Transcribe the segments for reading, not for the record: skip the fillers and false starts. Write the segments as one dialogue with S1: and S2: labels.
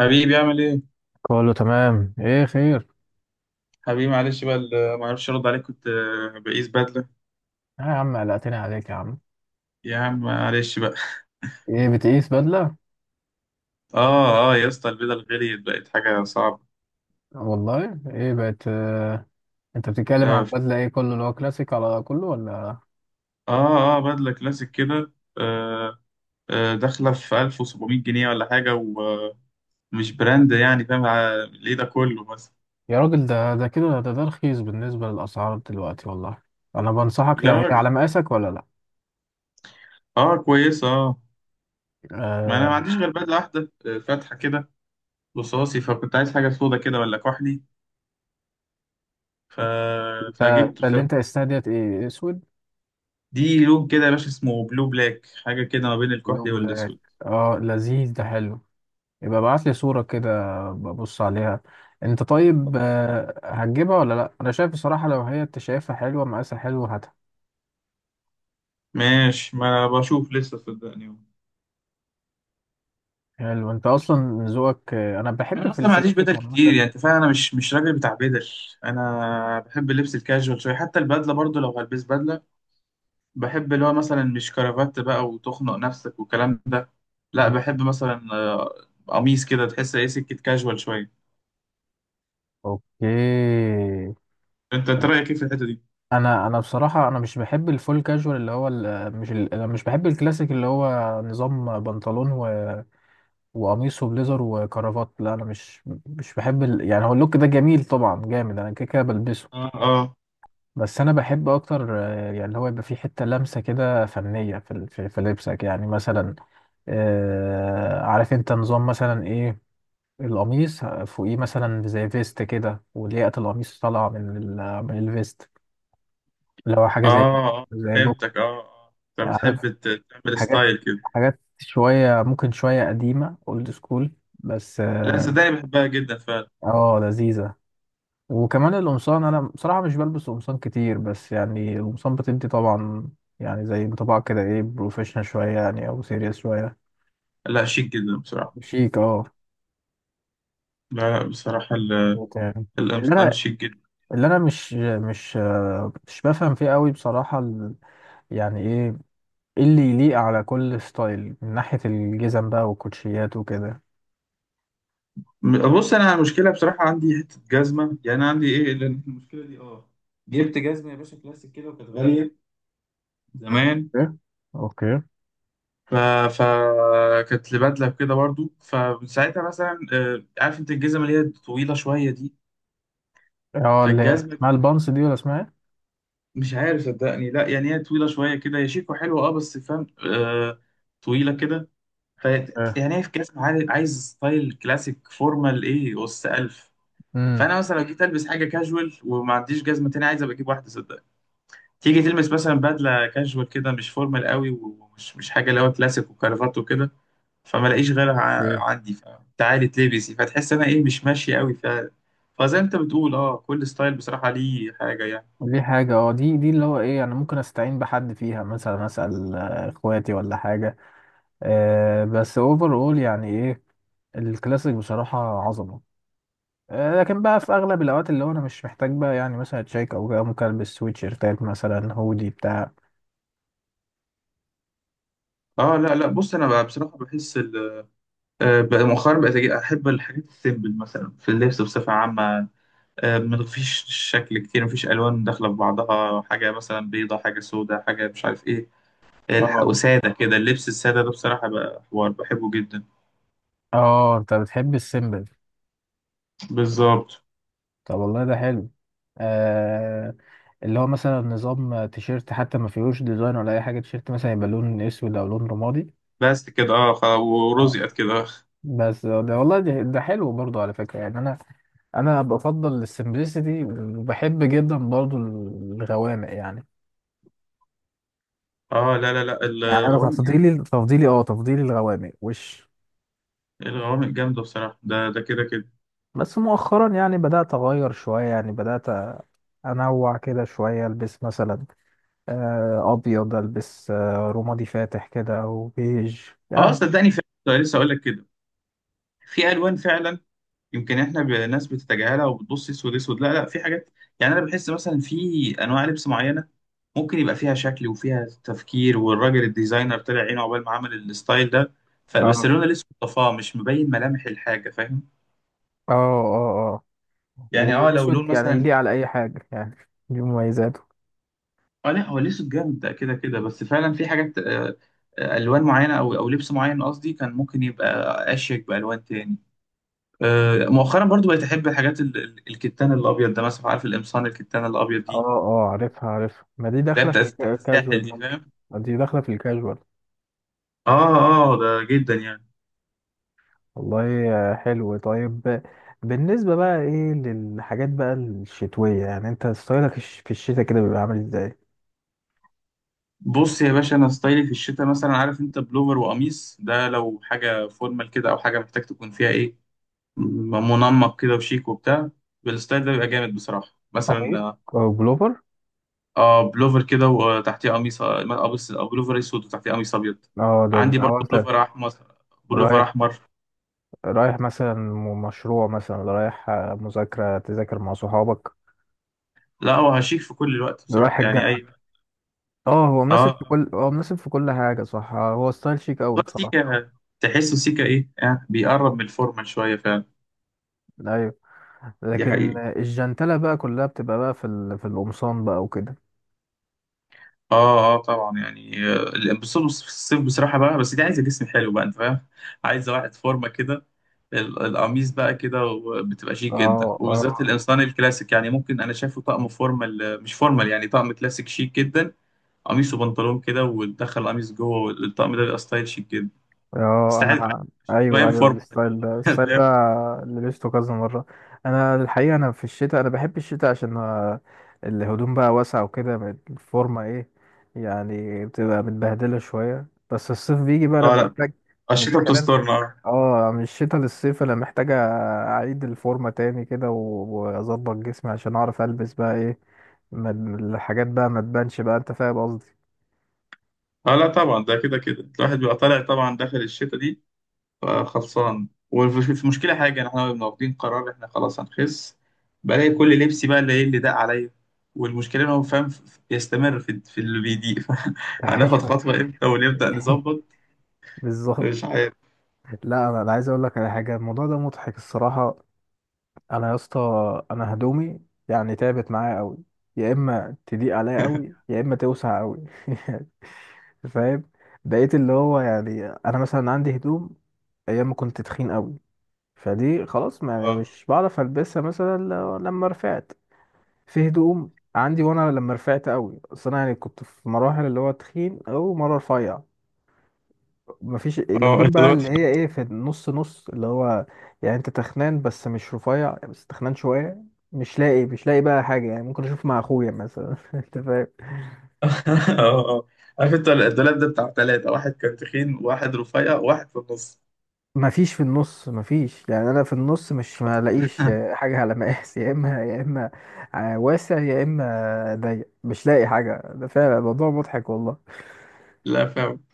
S1: حبيبي، اعمل ايه؟
S2: كله تمام، ايه خير؟
S1: حبيبي معلش بقى، ما اعرفش ارد عليك، كنت بقيس بدله.
S2: آه يا عم، قلقتني عليك يا عم.
S1: يا عم معلش بقى.
S2: ايه، بتقيس بدلة؟
S1: اه، اه، يا اسطى، البدل غليت، بقت حاجه صعبه.
S2: والله ايه بقت انت بتتكلم على
S1: لا.
S2: البدلة ايه، كله اللي هو كلاسيك على كله ولا؟
S1: اه، اه، بدله كلاسيك كده. آه. داخله في 1700 جنيه ولا حاجه ومش براند، يعني فاهم ايه ده كله مثلا؟
S2: يا راجل، ده كده، ده رخيص بالنسبة للأسعار دلوقتي والله. انا بنصحك،
S1: يا
S2: لو هي
S1: راجل.
S2: على مقاسك ولا لا؟
S1: اه، كويسه، اه. ما انا ما
S2: آه.
S1: عنديش غير بدله واحده، فاتحه كده. رصاصي، فكنت عايز حاجه سودا كده ولا كحلي. ف...
S2: انت
S1: فجبت
S2: انت اللي انت
S1: بصراحة.
S2: استهديت ايه، اسود
S1: دي لون كده يا باشا، اسمه بلو بلاك، حاجة كده ما بين
S2: لو
S1: الكحلي
S2: بلاك؟
S1: والأسود.
S2: اه لذيذ، ده حلو. يبقى ابعت لي صورة كده ببص عليها. انت طيب هتجيبها ولا لا؟ انا شايف بصراحة، لو هي انت شايفها حلوة مقاسها حلو، هاتها.
S1: ماشي، ما أنا بشوف لسه، صدقني.
S2: حلو، انت اصلا ذوقك انا بحب
S1: أنا
S2: في
S1: أصلا ما عنديش
S2: الكلاسيك
S1: بدل كتير،
S2: عامة.
S1: يعني أنت فاهم، أنا مش راجل بتاع بدل. أنا بحب اللبس الكاجوال شوية، حتى البدلة برضو لو هلبس بدلة. بحب اللي هو مثلا مش كرافات بقى وتخنق نفسك والكلام ده. لا، بحب مثلا قميص كده، تحس إيه، سكة كاجوال شوية.
S2: اوكي.
S1: أنت رأيك إيه في الحتة دي؟
S2: انا بصراحة انا مش بحب الفول كاجوال اللي هو ال- مش ال... انا مش بحب الكلاسيك اللي هو نظام بنطلون وقميص وبليزر وكرافات. لا انا مش بحب يعني هو اللوك ده جميل طبعا، جامد، انا كده كده بلبسه.
S1: آه، آه،
S2: بس انا بحب اكتر، يعني اللي هو يبقى فيه حته لمسه كده فنيه في ال- في في لبسك، يعني مثلا، عارف انت نظام مثلا ايه؟ القميص فوقيه مثلا زي فيست كده، ولياقه القميص طالعه من الفيست، اللي هو حاجه
S1: آه.
S2: زي
S1: آه،
S2: زي بوك.
S1: فهمتك، آه، آه. أنت
S2: عارف،
S1: بتحب تعمل
S2: حاجات،
S1: ستايل كده؟
S2: حاجات شويه، ممكن شويه قديمه، اولد سكول، بس
S1: لا
S2: اه
S1: صدقني، بحبها جدا فعلا.
S2: لذيذه. وكمان القمصان، انا بصراحه مش بلبس قمصان كتير، بس يعني القمصان بتدي طبعا، يعني زي بطبع كده ايه، بروفيشنال شويه يعني، او سيريس شويه.
S1: لا، شيك جدا بصراحة.
S2: شيك اه.
S1: لا، لا، بصراحة
S2: مظبوط يعني. اللي
S1: القمصان
S2: انا
S1: شيك جدا.
S2: اللي انا مش مش بفهم فيه قوي بصراحه يعني ايه، إيه اللي يليق على كل ستايل من ناحيه الجزم بقى والكوتشيات وكده.
S1: بص، أنا المشكلة بصراحة عندي حتة جزمة، يعني عندي إيه، لأن المشكلة دي جبت جزمة يا باشا كلاسيك كده، وكانت غالية زمان.
S2: اوكي، اوكي.
S1: ف... ف كانت لبدلة كده برضو، فساعتها مثلا عارف أنت الجزمة اللي هي طويلة شوية دي.
S2: اه، اللي هي
S1: فالجزمة دي،
S2: اسمها البانس دي ولا اسمها ايه؟
S1: مش عارف صدقني، لا يعني هي طويلة شوية كده، هي شيك وحلوة، أه بس فاهم. آه. طويلة كده. ف
S2: اه.
S1: يعني هي في كاس، عايز ستايل كلاسيك فورمال ايه اس 1000.
S2: امم.
S1: فانا مثلا لو جيت البس حاجه كاجوال وما عنديش جزمه تاني، عايز ابقى اجيب واحده، صدق. تيجي تلبس مثلا بدله كاجوال كده، مش فورمال قوي، ومش مش حاجه اللي هو كلاسيك وكرافات وكده. فما لاقيش غيرها عندي، فتعالي تلبسي، فتحس انا ايه مش ماشي قوي. فزي ما انت بتقول، اه، كل ستايل بصراحه ليه حاجه يعني.
S2: دي حاجة اه، دي اللي هو ايه، يعني ممكن استعين بحد فيها، مثلا اسأل اخواتي ولا حاجة. آه، بس اوفر اول يعني ايه، الكلاسيك بصراحة عظمة. آه، لكن بقى في اغلب الاوقات اللي هو انا مش محتاج بقى، يعني مثلا تشيك او كده، ممكن البس سويتشيرتات مثلا، هودي بتاع.
S1: اه، لا، لا، بص، انا بقى بصراحه بحس بقى مؤخرا بقيت احب الحاجات السيمبل مثلا في اللبس بصفه عامه. ما فيش شكل كتير، ما فيش الوان داخله في بعضها، حاجه مثلا بيضه، حاجه سوداء، حاجه مش عارف ايه.
S2: اه
S1: وسادة كده، اللبس السادة ده بصراحة بقى حوار بحبه جدا.
S2: اه، انت بتحب السيمبل.
S1: بالظبط.
S2: طب والله ده حلو. آه، اللي هو مثلا نظام تيشيرت حتى ما فيهوش ديزاين ولا اي حاجة، تيشيرت مثلا يبقى لون اسود او لون رمادي.
S1: بس كده، اه،
S2: آه.
S1: ورزقت كده.
S2: بس ده والله، ده حلو برضو على فكرة، يعني أنا بفضل السمبلسيتي، وبحب جدا برضو الغوامق يعني.
S1: اه، لا، لا، لا.
S2: يعني أنا
S1: الغوامق جامدة.
S2: تفضيلي الغوامق وش.
S1: الغوامق جامدة بصراحة، ده كده كده.
S2: بس مؤخرا يعني بدأت أغير شوية، يعني بدأت أنوع كده شوية، ألبس مثلا أبيض، ألبس رمادي فاتح كده أو بيج
S1: اه،
S2: يعني.
S1: صدقني فعلا كنت لسه اقول لك كده. في الوان فعلا. يمكن احنا ناس بتتجاهلها وبتبص اسود اسود، لا، لا، في حاجات. يعني انا بحس مثلا في انواع لبس معينة، ممكن يبقى فيها شكل وفيها تفكير، والراجل الديزاينر طلع عينه عقبال ما عمل الستايل ده. فبس
S2: أه
S1: اللون الاسود طفاه، مش مبين ملامح الحاجة، فاهم.
S2: أه.
S1: يعني، اه، لو لون
S2: والأسود يعني
S1: مثلا.
S2: يليق على أي حاجة يعني، دي مميزاته.
S1: اه، لا، هو الاسود جامد ده كده كده، بس فعلا في حاجات الوان معينه او لبس معين قصدي، كان ممكن يبقى اشيك بالوان تاني. مؤخرا برضو بقيت احب الحاجات الكتان الابيض ده مثلا، عارف القمصان الكتان الابيض
S2: اه
S1: دي،
S2: اه، عارفها عارفها، ما دي
S1: اللي هي
S2: داخلة في
S1: بتاعت الساحل
S2: الكاجوال
S1: دي،
S2: ممكن،
S1: فاهم.
S2: دي داخلة في الكاجوال.
S1: اه، اه، ده جدا يعني.
S2: والله حلو طيب. بالنسبة بقى ايه للحاجات بقى الشتوية، يعني انت ستايلك في الشتاء كده بيبقى عامل ازاي؟
S1: بص يا باشا، انا ستايلي في الشتاء مثلا، عارف انت، بلوفر وقميص، ده لو حاجه فورمال كده، او حاجه محتاج تكون فيها ايه، منمق كده وشيك وبتاع. بالستايل ده بيبقى جامد بصراحه
S2: قميص
S1: مثلا.
S2: او بلوفر.
S1: اه، بلوفر كده وتحتيه قميص بلوفر اسود وتحتيه قميص ابيض.
S2: اه، ده
S1: عندي
S2: ده
S1: برضه
S2: هو انت
S1: بلوفر احمر. بلوفر
S2: رايح،
S1: احمر.
S2: رايح مثلا مشروع مثلا، ولا رايح مذاكرة تذاكر مع صحابك،
S1: لا هو شيك في كل الوقت
S2: ده
S1: بصراحه،
S2: رايح
S1: يعني
S2: الجامعة.
S1: اي.
S2: اه،
S1: اه.
S2: هو مناسب في كل حاجة صح، هو ستايل شيك اوي
S1: هو
S2: بصراحة.
S1: سيكا. تحسه سيكا، ايه يعني، بيقرب من الفورمال شويه فعلا.
S2: ايوه،
S1: دي
S2: لكن
S1: حقيقة.
S2: الجنتلة بقى كلها بتبقى بقى في القمصان بقى وكده.
S1: اه، اه، طبعا يعني بس في الصيف بصراحة بقى، بس دي عايزة جسم حلو بقى، انت فاهم. عايزة واحد فورمة كده. القميص بقى كده بتبقى شيك جدا،
S2: اه اه
S1: وبالذات الانسان الكلاسيك، يعني ممكن انا شايفه طقم فورمال، مش فورمال يعني، طقم كلاسيك شيك جدا. قميص وبنطلون كده، وتدخل قميص جوه، والطقم ده بيبقى ستايل شيك جدا.
S2: اه،
S1: تستحق
S2: انا
S1: شويه
S2: ايوه ايوه،
S1: فورمه.
S2: الستايل ده، الستايل ده
S1: فاهم.
S2: لبسته كذا مره. انا الحقيقه، انا في الشتاء انا بحب الشتاء عشان الهدوم بقى واسعه وكده، الفورمه ايه يعني، بتبقى متبهدله شويه. بس الصيف بيجي بقى انا
S1: اه، لا،
S2: بحتاج من
S1: الشتا
S2: خلال
S1: بتسترنا، اه.
S2: اه من الشتاء للصيف انا محتاج اعيد الفورمه تاني كده واظبط جسمي عشان اعرف البس بقى ايه، ما الحاجات بقى ما تبانش بقى، انت فاهم قصدي.
S1: لا طبعا، ده كده كده الواحد بيبقى طالع طبعا داخل الشتا دي. خلصان، وفي مشكله حاجه، احنا كنا واخدين قرار احنا خلاص هنخس. بلاقي كل لبسي بقى اللي، ايه، اللي داق عليا. والمشكله ان هو فاهم، يستمر في اللي بيضيق. هناخد
S2: ايوه،
S1: خطوه امتى ونبدا نظبط؟
S2: بالظبط.
S1: مش عارف.
S2: لا انا، أنا عايز اقول لك على حاجه، الموضوع ده مضحك الصراحه. انا يا اسطى، انا هدومي يعني تعبت معايا قوي، يا اما تضيق عليا قوي يا اما توسع قوي. فاهم. بقيت اللي هو يعني انا مثلا عندي هدوم ايام ما كنت تخين قوي، فدي خلاص ما يعني
S1: اه،
S2: مش بعرف البسها مثلا، لما رفعت، في هدوم عندي وانا لما رفعت قوي، اصل انا يعني كنت في مراحل اللي هو تخين او مره رفيع، مفيش
S1: اه،
S2: الهدوم
S1: انت
S2: بقى اللي
S1: دلوقتي.
S2: هي ايه في النص، نص اللي هو يعني انت تخنان بس مش رفيع، بس تخنان شويه. مش لاقي بقى حاجه، يعني ممكن اشوف مع اخويا مثلا. انت فاهم،
S1: اه، اه، اه. عارف انت، الدولاب ده بتاع ثلاثة، واحد كان تخين وواحد رفيع وواحد في النص.
S2: مفيش في النص مفيش، يعني انا في النص مش ما لاقيش حاجه على مقاس. يا اما واسع يا اما ضيق، مش لاقي حاجه، ده فعلا الموضوع مضحك والله.
S1: لا فاهم.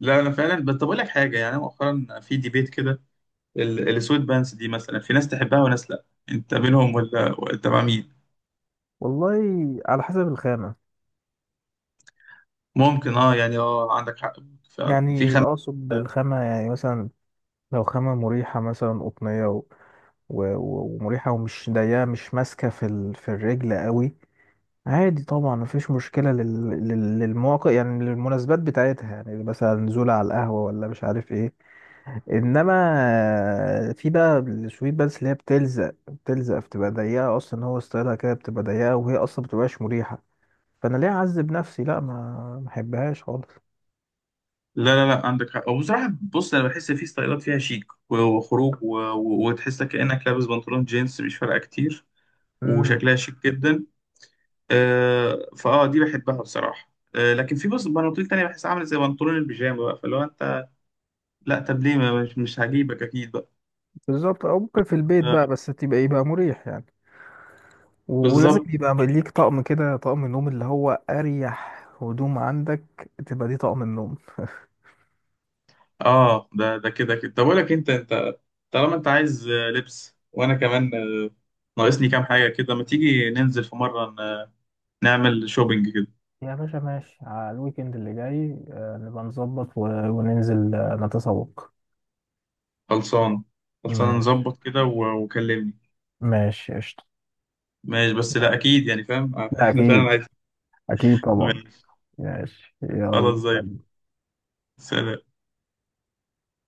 S1: لا انا فعلا، بس طب اقول لك حاجه يعني، أنا مؤخرا في ديبيت كده. السويت بانس دي مثلا، في ناس تحبها وناس لا. انت منهم ولا انت مع مين؟
S2: والله على حسب الخامه،
S1: ممكن، اه، يعني، اه، عندك حق. فعلا في
S2: يعني اقصد الخامة يعني مثلا، لو خامة مريحة مثلا قطنية ومريحة ومش ضيقة، مش ماسكة في الرجل قوي، عادي طبعا مفيش مشكلة للمواقع، يعني للمناسبات بتاعتها، يعني مثلا نزولة على القهوة ولا مش عارف ايه. انما في بقى السويت، بس اللي هي بتلزق، بتلزق بتبقى ضيقة، اصلا هو ستايلها كده بتبقى ضيقة، وهي اصلا بتبقاش مريحة، فانا ليه اعذب نفسي؟ لا ما ما احبهاش خالص.
S1: لا، لا، لا، عندك حق، وبصراحه بص، انا بحس في ستايلات فيها شيك وخروج وتحس كانك لابس بنطلون جينز مش فارقه كتير، وشكلها شيك جدا. فاه دي بحبها بصراحه. لكن في، بص، بناطيل تانية بحس عامله زي بنطلون البيجامه بقى، فلو انت، لا طب ليه مش هجيبك اكيد بقى.
S2: بالظبط، او ممكن في البيت بقى،
S1: آه.
S2: بس تبقى يبقى مريح يعني، ولازم
S1: بالظبط.
S2: يبقى ليك طقم كده، طقم النوم اللي هو اريح هدوم عندك تبقى دي طقم النوم.
S1: اه، ده كده كده، طب اقول لك، انت طالما انت عايز لبس، وانا كمان ناقصني كام حاجه كده، ما تيجي ننزل في مره نعمل شوبينج كده.
S2: يا باشا ماشي، على الويكند اللي جاي نبقى نظبط وننزل نتسوق.
S1: خلصان. خلصان،
S2: ماشي،
S1: نظبط كده وكلمني.
S2: ماشي قشطة.
S1: ماشي بس لا
S2: يلا.
S1: اكيد يعني، فاهم،
S2: لا
S1: احنا فعلا
S2: أكيد،
S1: عايزين.
S2: أكيد طبعا.
S1: ماشي.
S2: ماشي
S1: خلاص، زي
S2: يلا.
S1: الفل. سلام.